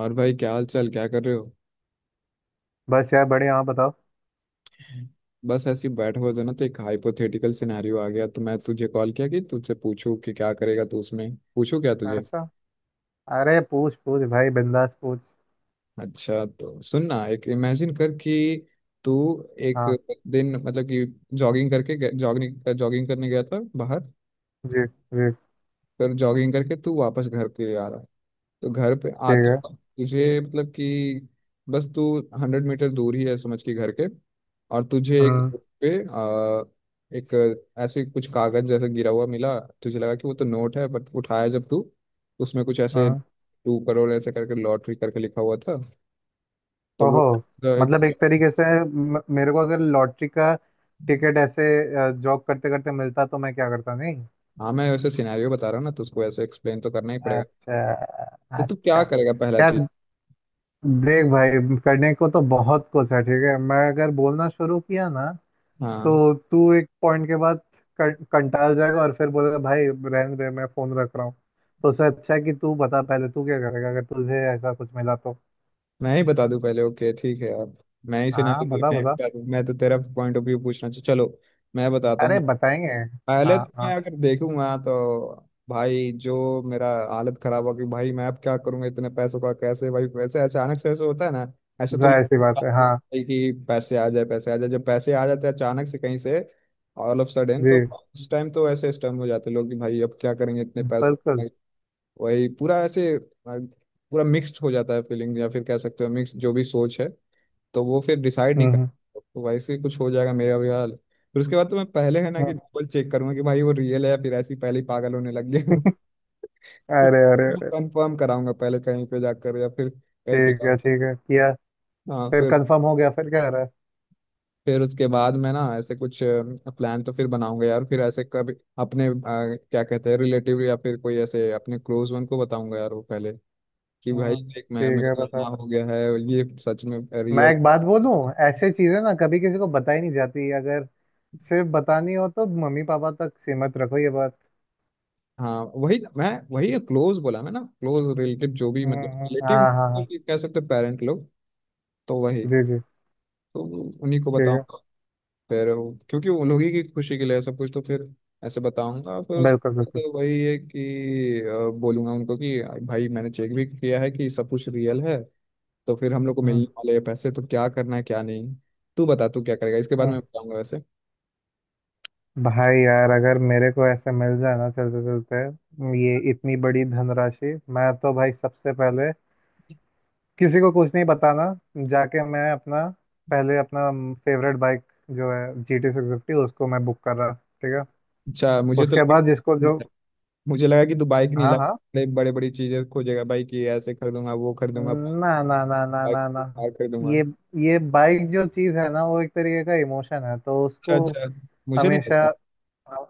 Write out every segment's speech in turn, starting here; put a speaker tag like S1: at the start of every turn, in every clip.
S1: और भाई, क्या हाल चाल? क्या कर रहे हो?
S2: बस यार बढ़िया। आप बताओ।
S1: बस ऐसे ही बैठे हुए थे, ना तो एक हाइपोथेटिकल सिनेरियो आ गया, तो मैं तुझे कॉल किया कि तुझसे पूछूं कि क्या करेगा तू उसमें। पूछूं क्या तुझे?
S2: ऐसा। अरे पूछ पूछ भाई बिंदास पूछ।
S1: अच्छा, तो सुन ना, एक इमेजिन कर कि तू एक
S2: हाँ।
S1: दिन, मतलब कि जॉगिंग करके, जॉगिंग जॉगिंग करने गया था बाहर।
S2: जी जी।
S1: पर जॉगिंग करके तू वापस घर पे आ रहा है। तो घर पे
S2: ठीक
S1: आते,
S2: है।
S1: तुझे मतलब कि, बस तू 100 मीटर दूर ही है समझ के घर के, और तुझे एक
S2: हम्म
S1: book पे आ, एक ऐसे कुछ कागज जैसे गिरा हुआ मिला। तुझे लगा कि वो तो नोट है, बट उठाया जब तू, उसमें कुछ ऐसे
S2: हम्म।
S1: 2 करोड़ ऐसे करके लॉटरी करके लिखा हुआ था। तो वो,
S2: ओहो।
S1: तो एक,
S2: मतलब एक तरीके से मेरे को अगर लॉटरी का टिकट ऐसे जॉब करते करते मिलता तो मैं क्या करता नहीं।
S1: हाँ मैं वैसे सिनेरियो बता रहा हूँ ना, तो उसको ऐसे एक्सप्लेन तो करना ही पड़ेगा।
S2: अच्छा।
S1: तो तू
S2: अच्छा
S1: क्या करेगा पहला
S2: यार,
S1: चीज?
S2: देख भाई, करने को तो बहुत कुछ है, ठीक है। मैं अगर बोलना शुरू किया ना
S1: हाँ,
S2: तो तू एक पॉइंट के बाद कंटाल जाएगा और फिर बोलेगा भाई रहने दे मैं फोन रख रहा हूँ। तो उससे अच्छा है कि तू बता पहले, तू क्या करेगा अगर तुझे ऐसा कुछ मिला तो।
S1: मैं ही बता दूं पहले, ओके ठीक है यार। मैं ही
S2: हाँ
S1: सिनेरियो
S2: बता
S1: मैं ही
S2: बता।
S1: बता दूं। मैं तो तेरा पॉइंट ऑफ व्यू पूछना चाहिए, चलो मैं बताता
S2: अरे
S1: हूँ।
S2: बताएंगे।
S1: पहले
S2: हाँ
S1: तो
S2: हाँ।
S1: मैं अगर देखूंगा तो भाई, जो मेरा हालत खराब होगी भाई। मैं अब क्या करूंगा इतने पैसों का? कैसे भाई, वैसे अचानक से ऐसे होता है ना? ऐसे तो
S2: जाहिर सी
S1: लगता है
S2: बात है
S1: आपको
S2: हाँ।
S1: भाई कि पैसे आ जाए, पैसे आ जाए, जब पैसे आ जाते हैं अचानक से कहीं से ऑल ऑफ सडन, तो
S2: जी।
S1: उस टाइम तो ऐसे स्टम्प हो जाते हैं लोग कि भाई अब क्या करेंगे इतने पैसों
S2: बिल्कुल।
S1: का? वही पूरा ऐसे पूरा मिक्स्ड हो जाता है फीलिंग, या फिर कह सकते हो मिक्स जो भी सोच है। तो वो फिर डिसाइड नहीं
S2: हम्म
S1: कर
S2: हम्म,
S1: सकता। तो वैसे ही कुछ हो जाएगा मेरा भी हाल। फिर उसके बाद तो मैं पहले है ना, कि
S2: हम्म।
S1: डबल चेक करूंगा कि भाई वो रियल है, या फिर ऐसे ही पहले ही पागल होने लग गया
S2: अरे अरे
S1: तो
S2: अरे।
S1: कंफर्म कराऊंगा पहले कहीं पे जाकर या फिर कहीं पे
S2: ठीक
S1: जाकर।
S2: है किया।
S1: हाँ
S2: फिर
S1: फिर
S2: कंफर्म हो गया फिर क्या कर रहा है?
S1: फिर उसके बाद मैं ना ऐसे कुछ प्लान तो फिर बनाऊंगा यार। फिर ऐसे कभी अपने क्या कहते हैं, रिलेटिव, या फिर कोई ऐसे अपने क्लोज वन को बताऊंगा यार वो पहले। कि भाई
S2: हम्म।
S1: देख, मैं
S2: ठीक है
S1: मेरा
S2: बता।
S1: इतना हो गया है, ये सच में
S2: मैं
S1: रियल।
S2: एक बात बोलूं? ऐसे चीजें ना कभी किसी को बताई नहीं जाती। अगर सिर्फ बतानी हो तो मम्मी पापा तक सीमित रखो ये बात।
S1: हाँ वही मैं, वही क्लोज बोला मैं ना, क्लोज रिलेटिव जो भी, मतलब
S2: हाँ
S1: रिलेटिव
S2: हाँ हाँ।
S1: कह सकते हैं, पेरेंट लोग। तो वही,
S2: जी जी।
S1: तो उन्हीं को
S2: ठीक है।
S1: बताऊंगा। फिर वो- क्योंकि उन लोग ही की खुशी के लिए सब कुछ, तो फिर ऐसे बताऊंगा फिर उस।
S2: बिल्कुल बिल्कुल।
S1: तो वही है कि बोलूंगा उनको कि भाई मैंने चेक भी किया है कि सब कुछ रियल है। तो फिर हम लोग को मिलने
S2: हम्म
S1: वाले हैं पैसे, तो क्या करना है क्या नहीं। तू बता, तू क्या करेगा, इसके बाद
S2: हम्म।
S1: मैं बताऊंगा वैसे।
S2: भाई यार अगर मेरे को ऐसे मिल जाए ना चलते चलते ये इतनी बड़ी धनराशि, मैं तो भाई सबसे पहले किसी को कुछ नहीं बताना। जाके मैं अपना, पहले अपना फेवरेट बाइक जो है GT 650, उसको मैं बुक कर रहा, ठीक है।
S1: अच्छा, मुझे तो,
S2: उसके बाद जिसको जो।
S1: मुझे लगा कि तू बाइक नहीं
S2: हाँ
S1: ला
S2: हाँ।
S1: बड़े, बड़ी चीजें खोजेगा भाई, कि ऐसे खरीदूंगा वो खरीदूंगा,
S2: ना ना ना ना
S1: बाइक
S2: ना ना।
S1: कार खरीदूंगा।
S2: ये ये बाइक जो चीज़ है ना वो एक तरीके का इमोशन है, तो
S1: अच्छा
S2: उसको
S1: अच्छा मुझे नहीं
S2: हमेशा।
S1: पता।
S2: हाँ।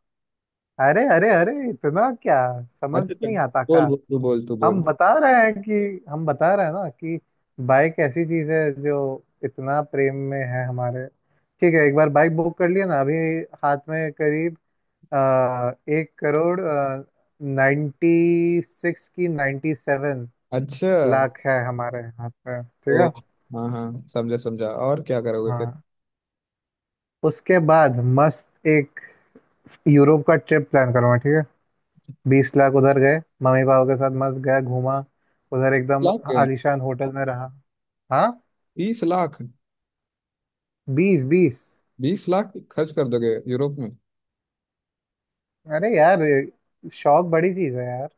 S2: अरे अरे अरे, इतना क्या समझ
S1: अच्छा चल,
S2: नहीं आता का?
S1: बोल बोल, तू बोल तू
S2: हम
S1: बोल
S2: बता रहे हैं कि, हम बता रहे हैं ना कि बाइक ऐसी चीज है जो इतना प्रेम में है हमारे। ठीक है, एक बार बाइक बुक कर लिया ना, अभी हाथ में करीब 1 करोड़ 96 की नाइन्टी सेवन
S1: अच्छा,
S2: लाख है हमारे हाथ में, ठीक
S1: तो
S2: है।
S1: हाँ हाँ, समझा समझा, और क्या करोगे फिर?
S2: हाँ, उसके बाद मस्त एक यूरोप का ट्रिप प्लान करूँगा, ठीक है। 20 लाख उधर गए, मम्मी पापा के साथ मस्त गया घूमा, उधर एकदम
S1: लाख,
S2: आलीशान होटल में रहा। हाँ।
S1: 20 लाख,
S2: बीस बीस।
S1: 20 लाख खर्च कर दोगे यूरोप में?
S2: अरे यार शौक बड़ी चीज है यार।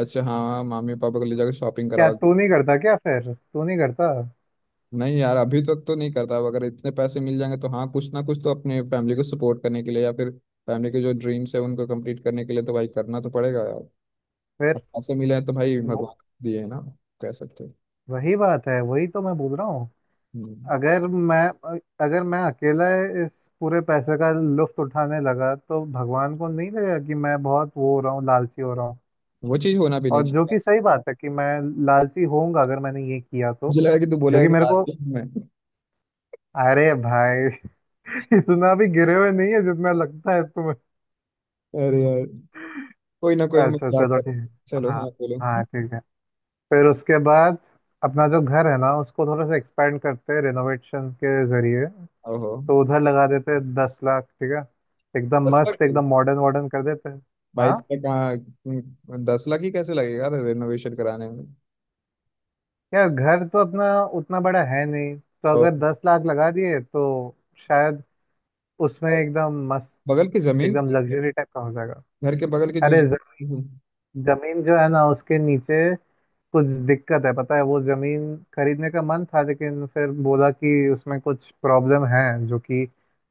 S1: अच्छा हाँ, मामी पापा को ले जाकर शॉपिंग
S2: क्या
S1: कराओ।
S2: तू नहीं करता क्या? फिर तू नहीं करता?
S1: नहीं यार अभी तक तो नहीं करता, अब अगर इतने पैसे मिल जाएंगे तो हाँ, कुछ ना कुछ तो अपने फैमिली को सपोर्ट करने के लिए, या फिर फैमिली के जो ड्रीम्स है उनको कंप्लीट करने के लिए तो भाई करना तो पड़ेगा यार। अब
S2: फिर
S1: पैसे मिले हैं तो भाई
S2: वो-
S1: भगवान दिए है ना, कह सकते हैं।
S2: वही बात है, वही तो मैं बोल रहा हूँ।
S1: हम्म,
S2: अगर मैं अगर मैं अकेला इस पूरे पैसे का लुफ्त उठाने लगा तो भगवान को नहीं लगेगा कि मैं बहुत वो हो रहा हूँ, लालची हो रहा हूँ।
S1: वो चीज होना भी
S2: और
S1: नहीं
S2: जो
S1: चाहिए।
S2: कि सही बात है कि मैं लालची होऊंगा अगर मैंने ये किया तो।
S1: मुझे लगा कि तू
S2: जो
S1: बोलेगा
S2: कि
S1: कि
S2: मेरे
S1: रात
S2: को,
S1: दिन में।
S2: अरे भाई इतना भी गिरे हुए नहीं है जितना लगता है तुम्हें।
S1: अरे यार, कोई ना कोई
S2: अच्छा
S1: मजाक
S2: चलो
S1: कर।
S2: ठीक है
S1: चलो
S2: हाँ।
S1: हाँ, बोलो।
S2: हाँ ठीक है। फिर उसके बाद अपना जो घर है ना उसको थोड़ा सा एक्सपेंड करते हैं रिनोवेशन के जरिए।
S1: ओहो,
S2: तो उधर लगा देते हैं 10 लाख, ठीक है। एकदम
S1: 10 लाख
S2: मस्त
S1: की?
S2: एकदम मॉडर्न वॉर्डन कर देते हैं।
S1: भाई
S2: हाँ
S1: तो कहाँ 10 लाख ही कैसे लगेगा रेनोवेशन कराने में?
S2: यार घर तो अपना उतना बड़ा है नहीं, तो
S1: और
S2: अगर 10 लाख लगा दिए तो शायद उसमें एकदम मस्त
S1: बगल की जमीन
S2: एकदम
S1: खरीदते हैं।
S2: लग्जरी टाइप का हो जाएगा।
S1: घर के बगल की जो
S2: अरे जमीन जो है ना उसके नीचे कुछ दिक्कत है, पता है। वो जमीन खरीदने का मन था लेकिन फिर बोला कि उसमें कुछ प्रॉब्लम है। जो कि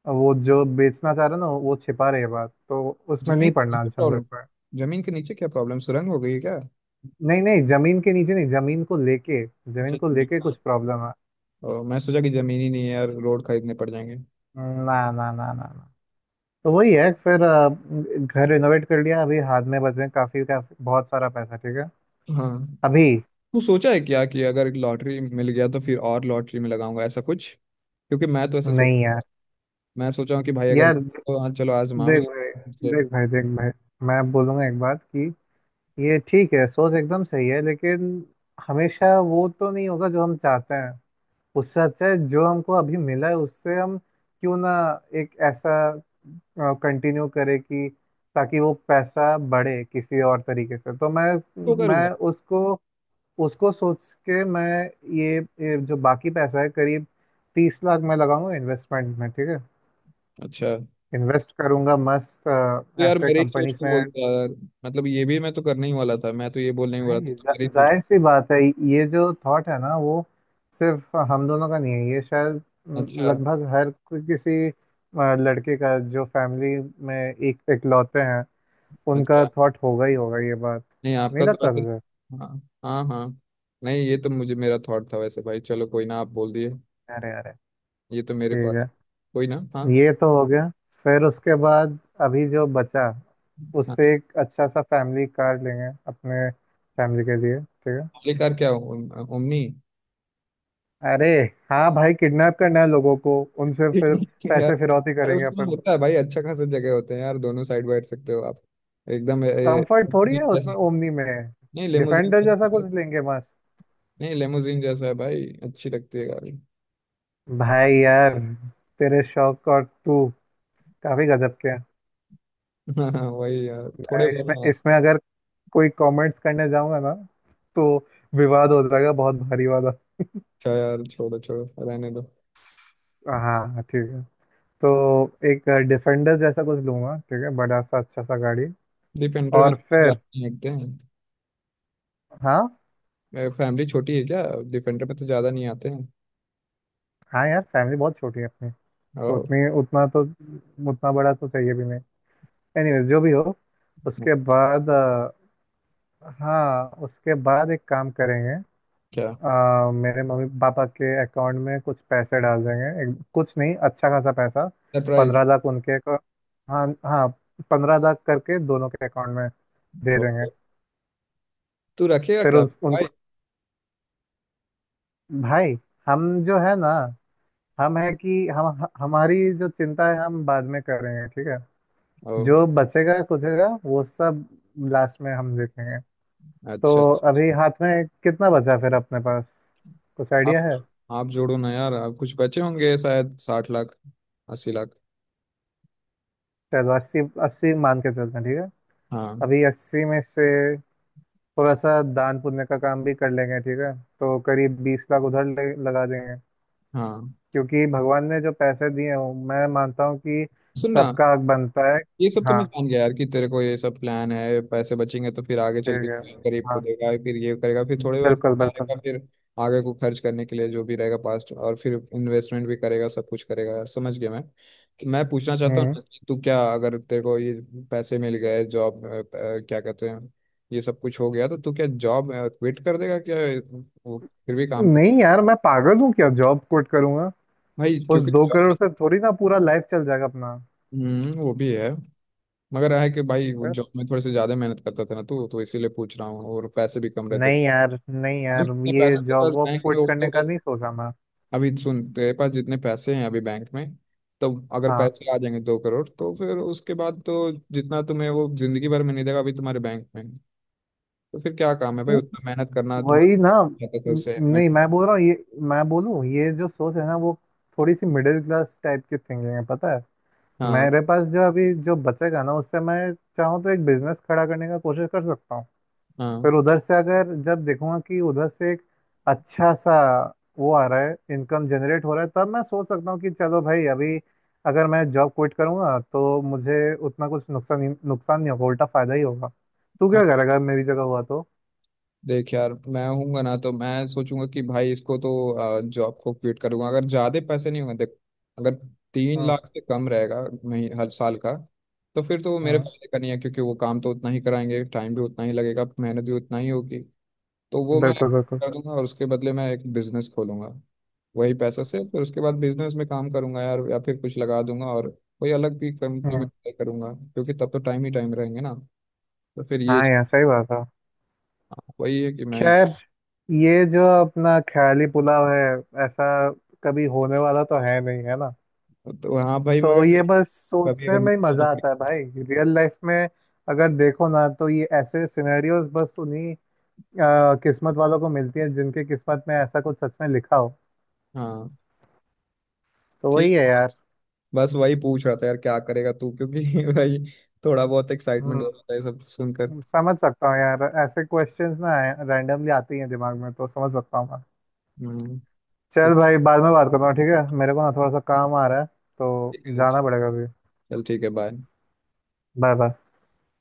S2: वो जो बेचना चाह रहा ना वो छिपा रही है बात, तो उसमें
S1: जमीन
S2: नहीं पड़ना अच्छा नहीं
S1: प्रॉब्लम।
S2: लगता है।
S1: जमीन के नीचे क्या प्रॉब्लम, सुरंग हो गई है क्या?
S2: नहीं नहीं जमीन के नीचे नहीं, जमीन को लेके,
S1: अच्छा
S2: जमीन को
S1: ये-
S2: लेके कुछ प्रॉब्लम है।
S1: ओ, मैं सोचा कि जमीन ही नहीं है यार, रोड खरीदने पड़ जाएंगे।
S2: ना ना ना ना ना। तो वही है फिर, घर रिनोवेट कर लिया, अभी हाथ में बचे हैं काफी काफी बहुत सारा पैसा, ठीक है।
S1: हाँ,
S2: अभी।
S1: तू सोचा है क्या कि अगर लॉटरी मिल गया तो फिर और लॉटरी में लगाऊंगा ऐसा कुछ? क्योंकि मैं तो ऐसे सोच,
S2: नहीं यार।
S1: मैं सोचा हूँ कि भाई अगर
S2: यार
S1: तो हाँ चलो आजमा भी
S2: देख भाई,
S1: लेते हैं,
S2: देख भाई देख भाई मैं बोलूंगा एक बात कि ये ठीक है, सोच एकदम सही है लेकिन हमेशा वो तो नहीं होगा जो हम चाहते हैं। उससे अच्छा है जो हमको अभी मिला है उससे हम क्यों ना एक ऐसा कंटिन्यू करें कि ताकि वो पैसा बढ़े किसी और तरीके से। तो मैं
S1: तो
S2: मैं
S1: करूंगा।
S2: उसको, उसको सोच के मैं ये जो बाकी पैसा है, करीब 30 लाख, मैं लगाऊंगा इन्वेस्टमेंट में, ठीक है।
S1: अच्छा,
S2: इन्वेस्ट करूंगा मस्त
S1: तो यार
S2: ऐसे
S1: मेरे ही सोच
S2: कंपनीज
S1: को
S2: में।
S1: बोलता है यार, मतलब ये भी मैं तो करने ही वाला था, मैं तो ये बोलने ही वाला था,
S2: नहीं
S1: तो मेरे
S2: जा-
S1: ही सोच।
S2: जाहिर सी बात है, ये जो थॉट है ना वो सिर्फ हम दोनों का नहीं है ये, शायद
S1: अच्छा
S2: लगभग किसी लड़के का जो फैमिली में एक इकलौते हैं उनका
S1: अच्छा
S2: थॉट होगा ही होगा ये बात।
S1: नहीं
S2: नहीं
S1: आपका तो
S2: लगता
S1: वैसे।
S2: तुझे?
S1: हाँ हाँ हाँ। नहीं, ये तो मुझे मेरा थॉट था वैसे भाई, चलो कोई ना, आप बोल दिए।
S2: अरे अरे।
S1: ये तो मेरे
S2: ठीक
S1: पास,
S2: है।
S1: कोई ना हाँ।
S2: ये तो हो गया, फिर उसके बाद अभी जो बचा
S1: हाँ,
S2: उससे एक अच्छा सा फैमिली कार लेंगे अपने फैमिली के लिए, ठीक है।
S1: आखिरकार क्या ओमनी?
S2: अरे हाँ भाई, किडनैप करना है लोगों को उनसे फिर
S1: यार,
S2: पैसे फिरौती
S1: अरे
S2: करेंगे
S1: उसमें
S2: अपन।
S1: होता है भाई, अच्छा खासा जगह होते हैं यार, दोनों साइड बैठ सकते हो आप, एकदम ए, ए,
S2: कंफर्ट थोड़ी है
S1: limousine
S2: उसमें
S1: जैसे।
S2: ओमनी में।
S1: नहीं, लेमोजीन
S2: डिफेंडर जैसा
S1: जैसे।
S2: कुछ लेंगे बस।
S1: नहीं, लेमोजीन जैसा है भाई, अच्छी लगती है गाड़ी।
S2: भाई यार, तेरे शौक और तू काफी गजब के हैं।
S1: हाँ हाँ, वही यार थोड़े बहुत
S2: इसमें
S1: हाँ।
S2: इसमें अगर कोई कमेंट्स करने जाऊंगा ना तो विवाद हो जाएगा बहुत भारी वाला।
S1: अच्छा यार, छोड़ो छोड़ो रहने दो।
S2: हाँ ठीक है। तो एक डिफेंडर जैसा कुछ लूंगा, ठीक है, बड़ा सा अच्छा सा गाड़ी।
S1: डिफेंडर में
S2: और
S1: तो
S2: फिर
S1: ज्यादा नहीं देखते हैं।
S2: हाँ।
S1: फैमिली छोटी है क्या? डिफेंडर में तो ज्यादा नहीं आते हैं।
S2: हाँ यार फैमिली बहुत छोटी है अपनी, तो
S1: ओ,
S2: उतनी उतना तो, उतना बड़ा तो चाहिए भी नहीं। एनीवेज जो भी हो, उसके बाद, हाँ उसके बाद एक काम करेंगे।
S1: क्या
S2: मेरे मम्मी पापा के अकाउंट में कुछ पैसे डाल देंगे, कुछ नहीं अच्छा खासा पैसा।
S1: सरप्राइज?
S2: पंद्रह लाख उनके को- हाँ हाँ, 15 लाख करके दोनों के अकाउंट में दे देंगे।
S1: तू रखेगा
S2: फिर
S1: क्या
S2: उनको
S1: भाई?
S2: भाई, हम जो है ना, हम है कि हम हमारी जो चिंता है हम बाद में करेंगे, ठीक है।
S1: ओ,
S2: जो बचेगा कुछेगा वो सब लास्ट में हम देखेंगे। तो
S1: अच्छा।
S2: अभी हाथ में कितना बचा फिर अपने पास, कुछ आइडिया
S1: आप
S2: है?
S1: आप जोड़ो ना यार, आप कुछ बचे होंगे शायद 60 लाख, 80 लाख।
S2: चलो 80, 80 मान के चलते हैं, ठीक है।
S1: हाँ।
S2: अभी 80 में से थोड़ा सा दान पुण्य का काम भी कर लेंगे, ठीक है। तो करीब 20 लाख उधर लगा देंगे।
S1: हाँ
S2: क्योंकि भगवान ने जो पैसे दिए हों मैं मानता हूँ कि
S1: सुनना,
S2: सबका हक बनता है।
S1: ये सब तो
S2: हाँ
S1: मैं जान गया यार कि तेरे को ये सब प्लान है, पैसे बचेंगे तो फिर आगे चल के
S2: ठीक है।
S1: गरीब को
S2: हाँ
S1: देगा, फिर ये करेगा, फिर थोड़े बहुत
S2: बिल्कुल
S1: जाएगा,
S2: बिल्कुल।
S1: फिर आगे को खर्च करने के लिए जो भी रहेगा पास्ट, और फिर इन्वेस्टमेंट भी करेगा, सब कुछ करेगा यार। समझ गया मैं तो, मैं पूछना चाहता हूँ
S2: हम्म।
S1: ना कि तू क्या, अगर तेरे को ये पैसे मिल गए जॉब, क्या कहते हैं, ये सब कुछ हो गया तो तू क्या जॉब क्विट कर देगा क्या? वो फिर भी काम?
S2: नहीं यार मैं पागल हूँ क्या जॉब कोट करूंगा?
S1: भाई
S2: उस
S1: क्योंकि
S2: दो
S1: job
S2: करोड़
S1: में-
S2: से थोड़ी ना पूरा लाइफ चल जाएगा अपना।
S1: हम्म, वो भी है, मगर है कि भाई
S2: अ,
S1: जॉब में थोड़े से ज्यादा मेहनत करता था ना तू, तो इसीलिए पूछ रहा हूँ, और पैसे भी कम रहते थे।
S2: नहीं यार, नहीं
S1: अभी
S2: यार,
S1: जितने
S2: ये
S1: पैसे तेरे पास
S2: जॉब वॉब
S1: बैंक में
S2: क्विट
S1: वो तो
S2: करने का
S1: भाई,
S2: नहीं सोचा मैं।
S1: अभी सुन, तेरे पास जितने पैसे हैं अभी बैंक में, तो अगर
S2: हाँ
S1: पैसे आ जाएंगे 2 करोड़ तो फिर उसके बाद तो जितना तुम्हें वो जिंदगी भर में नहीं देगा अभी तुम्हारे बैंक में, तो फिर क्या काम है भाई उतना मेहनत करना तुम्हारा,
S2: वही ना।
S1: रहता था
S2: न-
S1: उसे।
S2: नहीं मैं बोल रहा हूँ, ये मैं बोलूँ ये जो सोच है ना वो थोड़ी सी मिडिल क्लास टाइप की थिंकिंग है, पता है।
S1: हाँ
S2: मेरे पास जो अभी जो बचेगा ना उससे मैं चाहूँ तो एक बिजनेस खड़ा करने का कोशिश कर सकता हूँ।
S1: हाँ
S2: फिर उधर से अगर जब देखूंगा कि उधर से एक अच्छा सा वो आ रहा है, इनकम जनरेट हो रहा है, तब मैं सोच सकता हूँ कि चलो भाई अभी अगर मैं जॉब क्विट करूंगा तो मुझे उतना कुछ नुकसान नुकसान नहीं होगा, उल्टा फायदा ही होगा। तू क्या करेगा मेरी जगह हुआ तो?
S1: देख यार मैं होऊंगा ना तो मैं सोचूंगा कि भाई इसको तो जॉब को क्विट करूंगा अगर ज्यादा पैसे नहीं होंगे देख, अगर तीन
S2: हम्म।
S1: लाख से कम रहेगा मही- हर साल का, तो फिर तो वो मेरे
S2: हम्म
S1: फायदे का नहीं है, क्योंकि वो काम तो उतना ही कराएंगे, टाइम भी उतना ही लगेगा, मेहनत भी उतना ही होगी। तो वो मैं
S2: बिल्कुल बिल्कुल।
S1: कर दूंगा, और उसके बदले मैं एक बिजनेस खोलूंगा वही पैसा से। फिर उसके बाद बिजनेस में काम करूंगा यार, या फिर कुछ लगा दूंगा, और कोई अलग भी कंपनी में
S2: हम्म,
S1: ट्राई करूंगा, क्योंकि तब तो टाइम ही टाइम रहेंगे ना। तो फिर ये
S2: हाँ यार सही बात है।
S1: वही है कि मैं,
S2: खैर, ये जो अपना ख्याली पुलाव है ऐसा कभी होने वाला तो है नहीं, है ना?
S1: तो हाँ भाई
S2: तो
S1: मगर
S2: ये बस
S1: अभी
S2: सोचने
S1: अगर मैं
S2: में ही
S1: तो,
S2: मजा आता है भाई, रियल लाइफ में अगर देखो ना तो ये ऐसे सिनेरियोज बस उन्हीं किस्मत वालों को मिलती है जिनके किस्मत में ऐसा कुछ सच में लिखा हो।
S1: हाँ
S2: तो वही
S1: ठीक।
S2: है यार।
S1: बस वही पूछ रहा था यार क्या करेगा तू, क्योंकि भाई थोड़ा बहुत एक्साइटमेंट हो
S2: हम्म।
S1: जाता है ये सब सुनकर।
S2: समझ सकता हूँ यार, ऐसे क्वेश्चंस ना रैंडमली आते ही हैं दिमाग में, तो समझ सकता हूँ।
S1: हम्म। तो
S2: चल भाई बाद में बात करता हूँ, ठीक है, मेरे को ना थोड़ा सा काम आ रहा है, तो
S1: ठीक है,
S2: जाना पड़ेगा अभी।
S1: चल ठीक है, बाय।
S2: Bye bye.